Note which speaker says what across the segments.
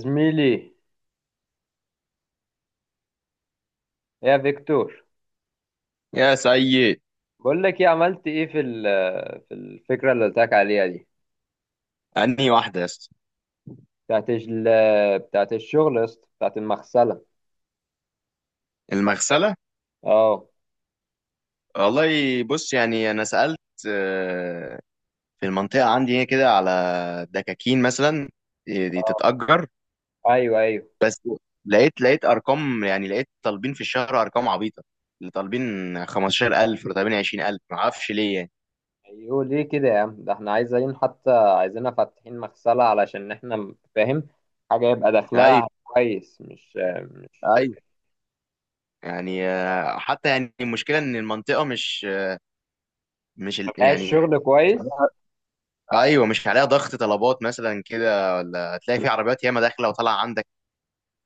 Speaker 1: زميلي، يا فيكتور،
Speaker 2: يا سيد.
Speaker 1: بقول لك ايه؟ عملت ايه في الفكره اللي قلت لك عليها دي،
Speaker 2: انهي واحده يا اسطى؟
Speaker 1: بتاعت الشغل يا اسطى، بتاعت المغسله.
Speaker 2: المغسله.
Speaker 1: اه.
Speaker 2: والله بص، يعني انا سالت. آه، في المنطقه عندي هنا كده على دكاكين مثلا دي تتاجر.
Speaker 1: ايوه، ايوه،
Speaker 2: بس لقيت ارقام، يعني لقيت طالبين في الشهر ارقام عبيطه، اللي طالبين 15000 ولا طالبين 20000، ما اعرفش ليه يعني.
Speaker 1: ايوه، ليه كده يا عم؟ ده احنا عايزين، حتى عايزينها فاتحين مغسله، علشان احنا فاهم، حاجه يبقى
Speaker 2: ايوه،
Speaker 1: دخلها كويس، مش
Speaker 2: ايوه، يعني حتى يعني المشكله ان المنطقه مش
Speaker 1: ما فيهاش
Speaker 2: يعني
Speaker 1: شغل
Speaker 2: مش
Speaker 1: كويس.
Speaker 2: عليها. ايوه، مش عليها ضغط طلبات مثلا كده، ولا هتلاقي في عربيات ياما داخله وطالعه عندك.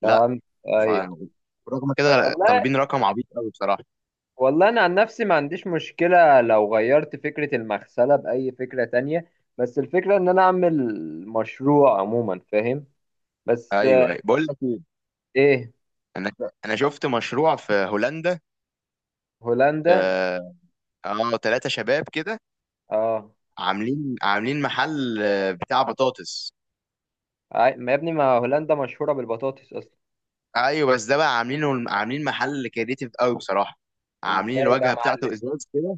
Speaker 2: لا.
Speaker 1: فاهم.
Speaker 2: ف
Speaker 1: ايوه.
Speaker 2: رغم كده
Speaker 1: والله
Speaker 2: طالبين رقم عبيط قوي بصراحه.
Speaker 1: والله انا عن نفسي ما عنديش مشكلة لو غيرت فكرة المغسلة بأي فكرة تانية، بس الفكرة ان انا اعمل مشروع عموما، فاهم، بس
Speaker 2: ايوه، ايوه، بقول لك ايه،
Speaker 1: ايه.
Speaker 2: انا انا شفت مشروع في هولندا.
Speaker 1: هولندا.
Speaker 2: اه. تلاتة شباب كده
Speaker 1: اه.
Speaker 2: عاملين محل، بتاع بطاطس.
Speaker 1: ما يا ابني، ما هولندا مشهورة بالبطاطس اصلا.
Speaker 2: ايوه بس ده بقى عاملين محل كريتيف قوي بصراحه، عاملين
Speaker 1: ازاي بقى يا
Speaker 2: الواجهه بتاعته
Speaker 1: معلم؟
Speaker 2: ازاز كده.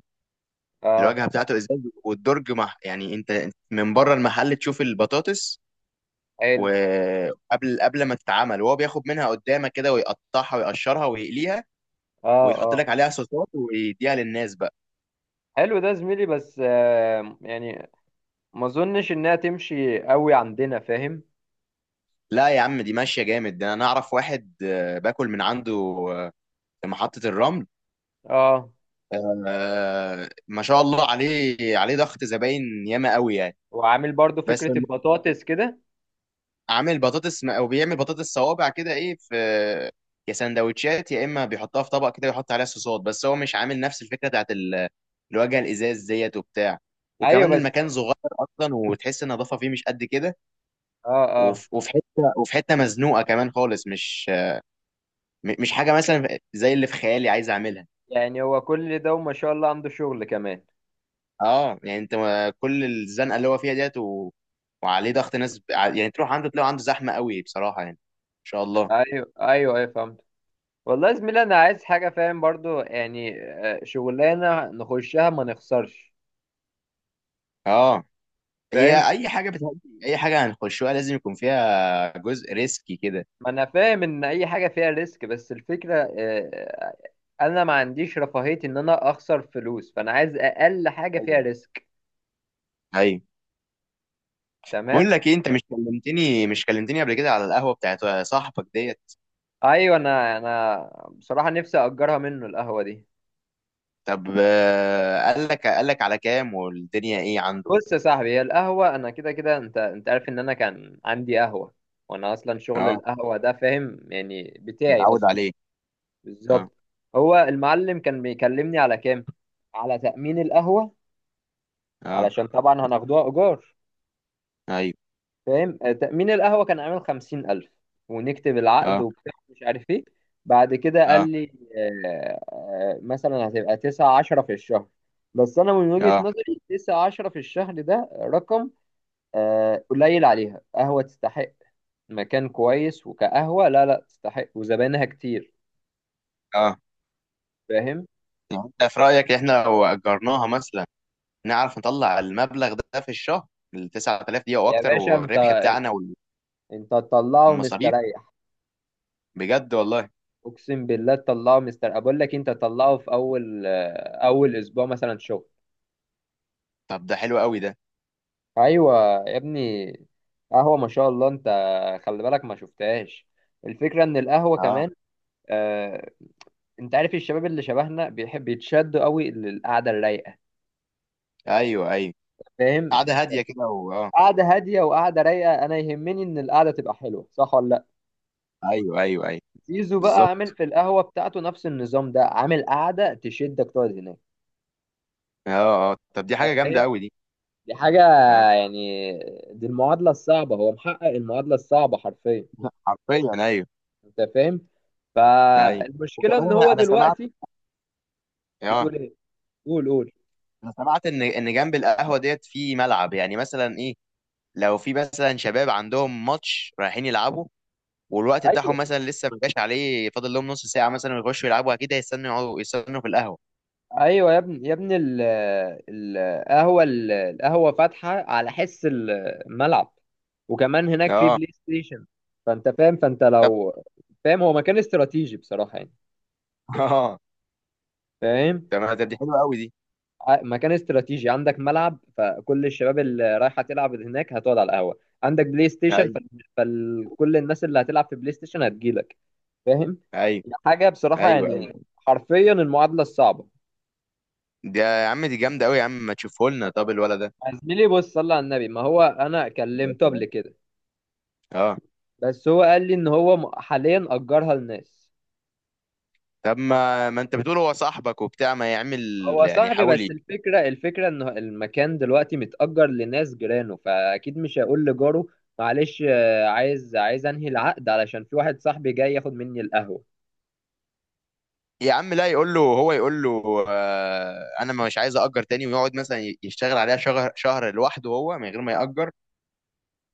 Speaker 1: اه.
Speaker 2: الواجهه بتاعته ازاز والدرج يعني انت من بره المحل تشوف البطاطس،
Speaker 1: حلو.
Speaker 2: وقبل ما تتعمل، وهو بياخد منها قدامك كده ويقطعها ويقشرها ويقليها،
Speaker 1: اه،
Speaker 2: ويحط
Speaker 1: اه.
Speaker 2: لك عليها صوصات ويديها للناس بقى.
Speaker 1: حلو ده زميلي، بس يعني ما اظنش انها تمشي قوي عندنا، فاهم.
Speaker 2: لا يا عم، دي ماشيه جامد، ده انا اعرف واحد باكل من عنده، آه، في محطه الرمل.
Speaker 1: اه.
Speaker 2: ما شاء الله، عليه ضغط زباين ياما قوي يعني.
Speaker 1: وعامل برضو
Speaker 2: بس
Speaker 1: فكرة
Speaker 2: الم-
Speaker 1: البطاطس كده؟
Speaker 2: عامل او بيعمل بطاطس صوابع كده، ايه، في يا سندوتشات يا اما بيحطها في طبق كده ويحط عليها صوصات، بس هو مش عامل نفس الفكره الواجهه الازاز ديت وبتاع.
Speaker 1: ايوه
Speaker 2: وكمان
Speaker 1: بس،
Speaker 2: المكان صغير اصلا، وتحس النظافه فيه مش قد كده،
Speaker 1: اه، اه.
Speaker 2: وفي حته مزنوقه كمان خالص، مش حاجه مثلا زي اللي في خيالي عايز اعملها.
Speaker 1: يعني هو كل ده وما شاء الله عنده شغل كمان؟
Speaker 2: اه، يعني انت كل الزنقه اللي هو فيها ديت وعليه ضغط ناس، يعني تروح عنده تلاقيه عنده زحمه قوي بصراحه، يعني ان شاء الله.
Speaker 1: ايوه، ايوه، ايوه، فهمت. والله يا زميلي، انا عايز حاجه، فاهم، برضو يعني شغلانه نخشها ما نخسرش.
Speaker 2: اه.
Speaker 1: فاهم.
Speaker 2: هي اي حاجه بتهدي، اي حاجه هنخشها لازم يكون فيها جزء ريسكي كده.
Speaker 1: ما انا فاهم ان اي حاجه فيها ريسك، بس الفكره انا ما عنديش رفاهيه ان انا اخسر فلوس، فانا عايز اقل حاجه فيها
Speaker 2: ايوه،
Speaker 1: ريسك.
Speaker 2: ايوه، بقول
Speaker 1: تمام.
Speaker 2: لك ايه، انت مش كلمتني قبل كده على القهوه بتاعت صاحبك ديت؟
Speaker 1: ايوه، انا بصراحه نفسي اجرها منه القهوه دي.
Speaker 2: طب قال لك على كام والدنيا ايه عنده؟
Speaker 1: بص يا صاحبي، هي القهوة أنا كده كده، أنت عارف إن أنا كان عندي قهوة، وأنا أصلا شغل
Speaker 2: اه،
Speaker 1: القهوة ده، فاهم، يعني بتاعي
Speaker 2: متعود
Speaker 1: أصلا.
Speaker 2: عليه. اه،
Speaker 1: بالظبط. هو المعلم كان بيكلمني على كام؟ على تأمين القهوة،
Speaker 2: اه.
Speaker 1: علشان طبعا هناخدوها إيجار،
Speaker 2: ايوه.
Speaker 1: فاهم، تأمين القهوة كان عامل خمسين ألف، ونكتب العقد
Speaker 2: اه،
Speaker 1: وبتاع، مش عارف إيه. بعد كده قال
Speaker 2: اه،
Speaker 1: لي مثلا هتبقى تسعة عشرة في الشهر. بس أنا من
Speaker 2: اه،
Speaker 1: وجهة
Speaker 2: اه.
Speaker 1: نظري، تسعة عشرة في الشهر ده رقم قليل عليها. قهوة تستحق، مكان كويس، وكقهوة، لا، لا تستحق، وزباينها كتير،
Speaker 2: آه.
Speaker 1: فاهم.
Speaker 2: يعني انت في رأيك احنا لو أجرناها مثلا نعرف نطلع المبلغ ده في الشهر، ال 9000 دي او
Speaker 1: يا
Speaker 2: اكتر،
Speaker 1: باشا، انت
Speaker 2: والربح بتاعنا
Speaker 1: انت تطلعه
Speaker 2: والمصاريف؟
Speaker 1: مستريح.
Speaker 2: بجد والله.
Speaker 1: اقسم بالله تطلعه مستريح، بقول لك انت تطلعه في اول اسبوع مثلا شغل.
Speaker 2: طب ده حلو قوي ده.
Speaker 1: ايوه يا ابني، قهوة ما شاء الله، انت خلي بالك، ما شفتهاش. الفكرة ان القهوة
Speaker 2: اه،
Speaker 1: كمان آه، انت عارف الشباب اللي شبهنا بيحب يتشدوا قوي للقعدة الرايقة،
Speaker 2: ايوه، ايوه،
Speaker 1: فاهم.
Speaker 2: قعدة هادية كده اه،
Speaker 1: قعدة هادية وقعدة رايقة، أنا يهمني إن القعدة تبقى حلوة، صح ولا لأ.
Speaker 2: ايوه، ايوه، ايوه،
Speaker 1: زيزو بقى عامل
Speaker 2: بالظبط.
Speaker 1: في القهوة بتاعته نفس النظام ده، عامل قعدة تشدك تقعد هناك.
Speaker 2: اه، اه، طب دي
Speaker 1: أنت
Speaker 2: حاجة جامدة
Speaker 1: فاهم.
Speaker 2: قوي دي.
Speaker 1: دي حاجة،
Speaker 2: اه.
Speaker 1: يعني دي المعادلة الصعبة، هو محقق المعادلة الصعبة حرفيا.
Speaker 2: حرفيا، ايوه.
Speaker 1: أنت فاهم.
Speaker 2: ايوه،
Speaker 1: فالمشكلة
Speaker 2: وكمان
Speaker 1: إن هو
Speaker 2: انا سمعت،
Speaker 1: دلوقتي.
Speaker 2: اه،
Speaker 1: بتقول إيه؟ قول، قول.
Speaker 2: انا سمعت ان جنب القهوة ديت في ملعب، يعني مثلا ايه، لو في مثلا شباب عندهم ماتش رايحين يلعبوا، والوقت بتاعهم
Speaker 1: أيوه،
Speaker 2: مثلا لسه ما جاش عليه، فاضل لهم نص ساعه مثلا ويخشوا يلعبوا، اكيد هيستنوا يقعدوا، يستنوا في القهوه.
Speaker 1: ايوه يا ابني، يا ابني القهوه فاتحه على حس الملعب، وكمان هناك في
Speaker 2: اه،
Speaker 1: بلاي ستيشن، فانت فاهم. فانت
Speaker 2: طب
Speaker 1: لو، فاهم، هو مكان استراتيجي بصراحه، يعني،
Speaker 2: اه،
Speaker 1: فاهم.
Speaker 2: تمام، طب دي حلوه قوي دي.
Speaker 1: مكان استراتيجي، عندك ملعب، فكل الشباب اللي رايحه تلعب هناك هتقعد على القهوه، عندك بلاي ستيشن،
Speaker 2: ايوه،
Speaker 1: فكل الناس اللي هتلعب في بلاي ستيشن هتجيلك، فاهم.
Speaker 2: ايوه،
Speaker 1: يعني حاجه بصراحه،
Speaker 2: ايوه،
Speaker 1: يعني
Speaker 2: ايوه،
Speaker 1: حرفيا المعادله الصعبه.
Speaker 2: دي يا عم دي جامده قوي، يا عم ما تشوفه لنا طب الولد ده.
Speaker 1: يا زميلي بص، صلى على النبي، ما هو انا كلمته قبل كده،
Speaker 2: اه،
Speaker 1: بس هو قال لي ان هو حاليا اجرها لناس.
Speaker 2: طب ما انت بتقول هو صاحبك وبتاع، ما يعمل،
Speaker 1: هو
Speaker 2: يعني
Speaker 1: صاحبي،
Speaker 2: يحاول
Speaker 1: بس الفكره ان المكان دلوقتي متأجر لناس جيرانه، فاكيد مش هيقول لجاره، معلش، عايز انهي العقد، علشان في واحد صاحبي جاي ياخد مني القهوه.
Speaker 2: يا عم لا، يقول له، هو يقول له آه انا مش عايز اجر تاني، ويقعد مثلا يشتغل عليها شهر شهر لوحده هو من غير ما ياجر،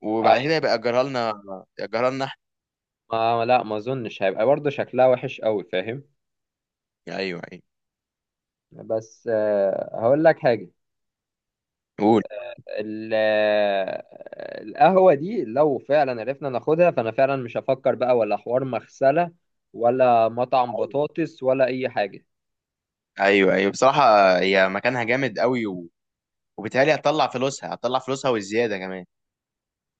Speaker 2: وبعد كده
Speaker 1: أي-
Speaker 2: يبقى ياجرها لنا، ياجرها لنا احنا.
Speaker 1: ما لا، ما اظنش هيبقى برضه شكلها وحش قوي، فاهم.
Speaker 2: ايوه، ايوه.
Speaker 1: بس هقول لك حاجه.
Speaker 2: قول.
Speaker 1: القهوه دي لو فعلا عرفنا ناخدها، فانا فعلا مش هفكر بقى ولا حوار مغسله، ولا مطعم بطاطس، ولا اي حاجه.
Speaker 2: ايوه، ايوه بصراحه، هي مكانها جامد قوي وبالتالي هتطلع فلوسها والزياده كمان.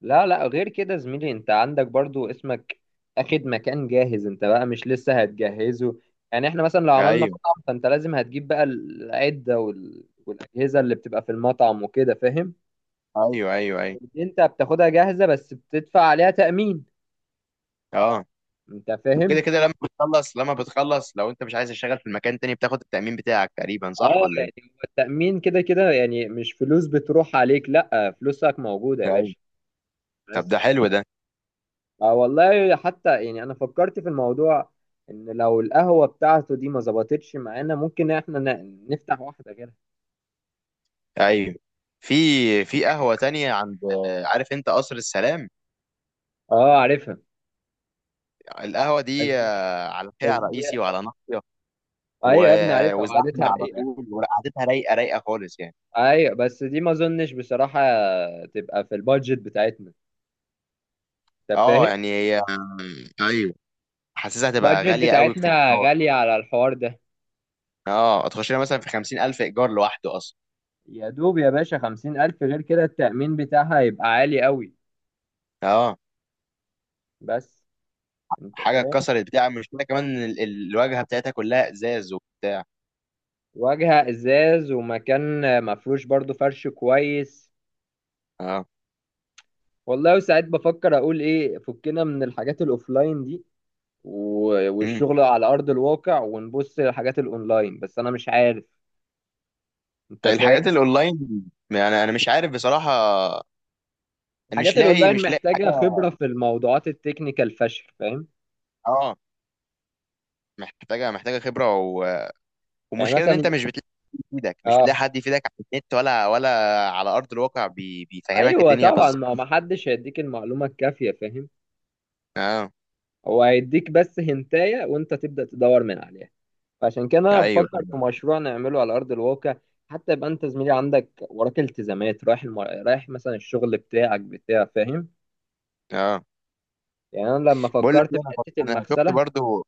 Speaker 1: لا، لا، غير كده زميلي، انت عندك برضو اسمك اخد مكان جاهز، انت بقى مش لسه هتجهزه. يعني احنا مثلا لو عملنا
Speaker 2: ايوه،
Speaker 1: مطعم، فانت لازم هتجيب بقى العدة والاجهزة اللي بتبقى في المطعم وكده، فاهم.
Speaker 2: ايوه، ايوه، ايوه.
Speaker 1: انت بتاخدها جاهزة، بس بتدفع عليها تأمين.
Speaker 2: اه،
Speaker 1: انت
Speaker 2: كده
Speaker 1: فاهم.
Speaker 2: كده، لما بتخلص لو انت مش عايز تشتغل في المكان تاني، بتاخد التأمين بتاعك تقريبا، صح
Speaker 1: اه،
Speaker 2: ولا ايه؟
Speaker 1: يعني هو التأمين كده كده، يعني مش فلوس بتروح عليك، لا، فلوسك موجودة يا
Speaker 2: ايوه،
Speaker 1: باشا.
Speaker 2: طب ده
Speaker 1: بس
Speaker 2: حلو ده.
Speaker 1: اه، والله، حتى يعني انا فكرت في الموضوع، ان لو القهوة بتاعته دي ما ظبطتش معانا، ممكن احنا نفتح واحدة غيرها.
Speaker 2: ايوه، في في قهوة تانية عند، عارف انت قصر السلام؟
Speaker 1: اه، عارفها.
Speaker 2: القهوة
Speaker 1: بس
Speaker 2: دي
Speaker 1: دي
Speaker 2: على
Speaker 1: بس
Speaker 2: شارع
Speaker 1: دي
Speaker 2: رئيسي وعلى ناصية،
Speaker 1: ايوه يا ابني، عارفها وقعدتها
Speaker 2: وزحمة على
Speaker 1: رقيقة.
Speaker 2: طول، وقعدتها رايقة رايقة خالص يعني.
Speaker 1: ايوه، بس دي ما اظنش بصراحة تبقى في البادجت بتاعتنا. انت
Speaker 2: اه،
Speaker 1: فاهم.
Speaker 2: يعني هي ايوه، حاسسها هتبقى
Speaker 1: البادجت
Speaker 2: غالية قوي في
Speaker 1: بتاعتنا
Speaker 2: الإيجار.
Speaker 1: غالية على الحوار ده.
Speaker 2: اه، هتخش لها مثلا في 50,000 إيجار لوحده أصلا.
Speaker 1: يا دوب يا باشا خمسين ألف، غير كده التأمين بتاعها يبقى عالي قوي.
Speaker 2: اه،
Speaker 1: بس، انت
Speaker 2: حاجة
Speaker 1: فاهم،
Speaker 2: اتكسرت بتاع مش كده، كمان الواجهة بتاعتها كلها إزاز وبتاع.
Speaker 1: واجهة ازاز ومكان مفروش برضو فرش كويس.
Speaker 2: اه.
Speaker 1: والله ساعات بفكر اقول ايه، فكنا من الحاجات الاوفلاين دي، و-
Speaker 2: امم.
Speaker 1: والشغل على ارض الواقع، ونبص للحاجات الاونلاين، بس انا مش عارف. انت
Speaker 2: الحاجات
Speaker 1: فاهم.
Speaker 2: الأونلاين، يعني أنا مش عارف بصراحة، مش
Speaker 1: الحاجات
Speaker 2: لاقي
Speaker 1: الاونلاين
Speaker 2: مش لاقي حاجة.
Speaker 1: محتاجه خبره في الموضوعات التكنيكال فشخ، فاهم.
Speaker 2: اه، محتاجة خبرة
Speaker 1: يعني
Speaker 2: ومشكلة إن
Speaker 1: مثلا.
Speaker 2: أنت مش بتلاقي حد يفيدك،
Speaker 1: اه،
Speaker 2: على النت ولا على أرض الواقع بيفهمك
Speaker 1: ايوه
Speaker 2: الدنيا
Speaker 1: طبعا،
Speaker 2: بالظبط.
Speaker 1: ما حدش هيديك المعلومه الكافيه، فاهم.
Speaker 2: اه،
Speaker 1: هو هيديك بس هنتايه، وانت تبدا تدور من عليها. فعشان كده انا
Speaker 2: ايوه،
Speaker 1: بفكر
Speaker 2: ايوه.
Speaker 1: في مشروع نعمله على ارض الواقع، حتى يبقى انت زميلي عندك وراك التزامات، رايح رايح مثلا الشغل بتاعك بتاع فاهم،
Speaker 2: اه،
Speaker 1: يعني انا لما
Speaker 2: بقول لك
Speaker 1: فكرت
Speaker 2: إيه،
Speaker 1: في
Speaker 2: انا
Speaker 1: حته
Speaker 2: شفت
Speaker 1: المغسله.
Speaker 2: برضو،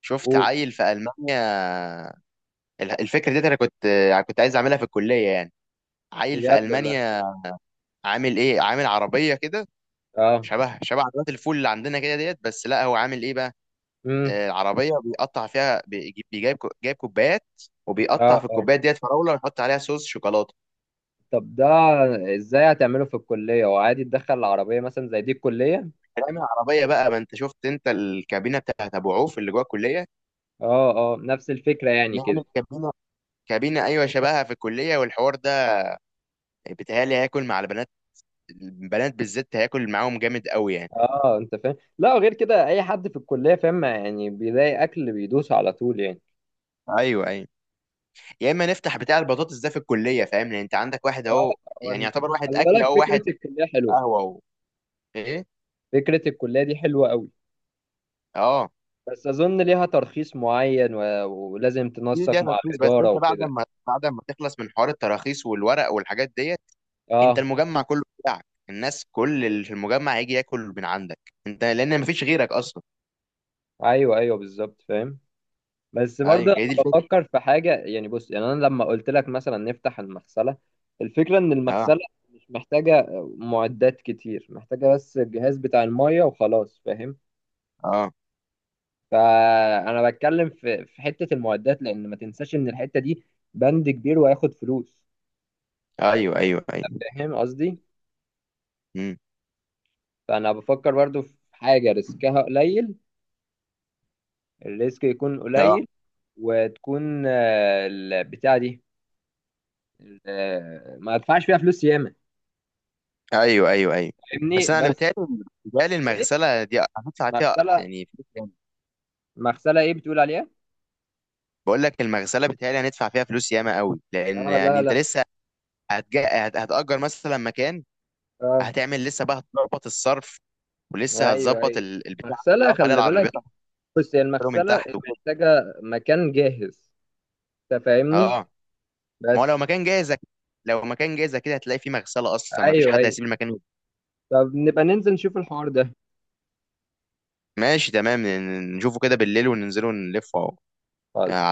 Speaker 2: شفت
Speaker 1: قول.
Speaker 2: عيل في المانيا، الفكره دي انا كنت عايز اعملها في الكليه يعني، عيل في
Speaker 1: بجد ولا؟
Speaker 2: المانيا عامل عربيه كده
Speaker 1: اه.
Speaker 2: شبه عربيات الفول اللي عندنا كده ديت، بس لا هو عامل ايه بقى،
Speaker 1: امم.
Speaker 2: العربيه بيقطع فيها، بيجيب جايب كوبايات،
Speaker 1: اه،
Speaker 2: وبيقطع في
Speaker 1: اه.
Speaker 2: الكوبايات ديت فراوله ويحط عليها صوص شوكولاته.
Speaker 1: طب ده ازاي هتعمله في الكليه؟ وعادي تدخل العربيه مثلا زي دي الكليه؟
Speaker 2: نعمل عربيه بقى، ما انت شفت انت الكابينه بتاعت ابو عوف اللي جوه الكليه؟
Speaker 1: اه، اه، نفس الفكره يعني كده.
Speaker 2: نعمل كابينه، كابينه ايوه شبهها في الكليه، والحوار ده بيتهيألي هياكل مع البنات، البنات بالذات هياكل معاهم جامد قوي يعني.
Speaker 1: اه، انت فاهم، لا غير كده، اي حد في الكليه، فاهم، يعني بيلاقي اكل بيدوس على طول، يعني.
Speaker 2: ايوه، ايوه، يا اما نفتح بتاع البطاطس ده في الكليه، فاهم، لان انت عندك واحد
Speaker 1: اه،
Speaker 2: اهو يعني يعتبر واحد
Speaker 1: خلي
Speaker 2: اكل
Speaker 1: بالك،
Speaker 2: اهو،
Speaker 1: فكره
Speaker 2: واحد
Speaker 1: الكليه حلوه.
Speaker 2: قهوه اهو. ايه.
Speaker 1: فكرة الكلية دي حلوة قوي،
Speaker 2: اه،
Speaker 1: بس أظن ليها ترخيص معين و... ولازم
Speaker 2: ده
Speaker 1: تنسق مع
Speaker 2: ترخيص، بس
Speaker 1: الإدارة
Speaker 2: انت بعد
Speaker 1: وكده.
Speaker 2: ما تخلص من حوار التراخيص والورق والحاجات ديت، انت
Speaker 1: اه،
Speaker 2: المجمع كله بتاعك، الناس كل اللي في المجمع هيجي ياكل من عندك انت لان مفيش غيرك اصلا.
Speaker 1: ايوه، ايوه، بالظبط، فاهم. بس برضه
Speaker 2: ايوه، هي دي
Speaker 1: أنا
Speaker 2: الفكره.
Speaker 1: بفكر في حاجة، يعني بص، يعني أنا لما قلت لك مثلا نفتح المغسلة، الفكرة إن
Speaker 2: اه،
Speaker 1: المغسلة مش محتاجة معدات كتير، محتاجة بس الجهاز بتاع المية وخلاص، فاهم.
Speaker 2: اه،
Speaker 1: فأنا بتكلم في حتة المعدات، لأن ما تنساش إن الحتة دي بند كبير وهياخد فلوس.
Speaker 2: ايوه، ايوه، ايوه.
Speaker 1: فاهم قصدي؟
Speaker 2: امم.
Speaker 1: فأنا بفكر برضه في حاجة ريسكها قليل، الريسك يكون
Speaker 2: اه،
Speaker 1: قليل، وتكون البتاعة دي ما ادفعش فيها فلوس ياما،
Speaker 2: ايوه، ايوه، ايوه،
Speaker 1: فاهمني؟
Speaker 2: بس انا
Speaker 1: بس
Speaker 2: بتهيألي
Speaker 1: ايه؟
Speaker 2: المغسله دي هتدفع فيها
Speaker 1: مغسلة،
Speaker 2: يعني.
Speaker 1: مغسلة ايه بتقول عليها؟
Speaker 2: بقول لك المغسله، بتهيألي هندفع فيها فلوس ياما قوي، لان
Speaker 1: اه،
Speaker 2: يعني
Speaker 1: لا،
Speaker 2: انت
Speaker 1: لا.
Speaker 2: لسه هتأجر مثلا مكان،
Speaker 1: اه،
Speaker 2: هتعمل لسه بقى، هتظبط الصرف، ولسه
Speaker 1: ايوه،
Speaker 2: هتظبط
Speaker 1: ايوه.
Speaker 2: البتاع اللي
Speaker 1: مغسلة
Speaker 2: بيقف عليه
Speaker 1: خلي بالك.
Speaker 2: العربيات،
Speaker 1: بص، هي
Speaker 2: هتحطه من
Speaker 1: المغسلة
Speaker 2: تحت وكده.
Speaker 1: محتاجة مكان جاهز، انت فاهمني؟
Speaker 2: اه، ما هو لو
Speaker 1: بس.
Speaker 2: مكان جاهز لو مكان جاهز كده هتلاقي فيه مغسله اصلا، ما فيش
Speaker 1: ايوه،
Speaker 2: حد
Speaker 1: ايوه،
Speaker 2: هيسيب المكان.
Speaker 1: طب نبقى ننزل نشوف الحوار ده.
Speaker 2: ماشي تمام، نشوفه كده بالليل وننزله نلفه. على
Speaker 1: خالص.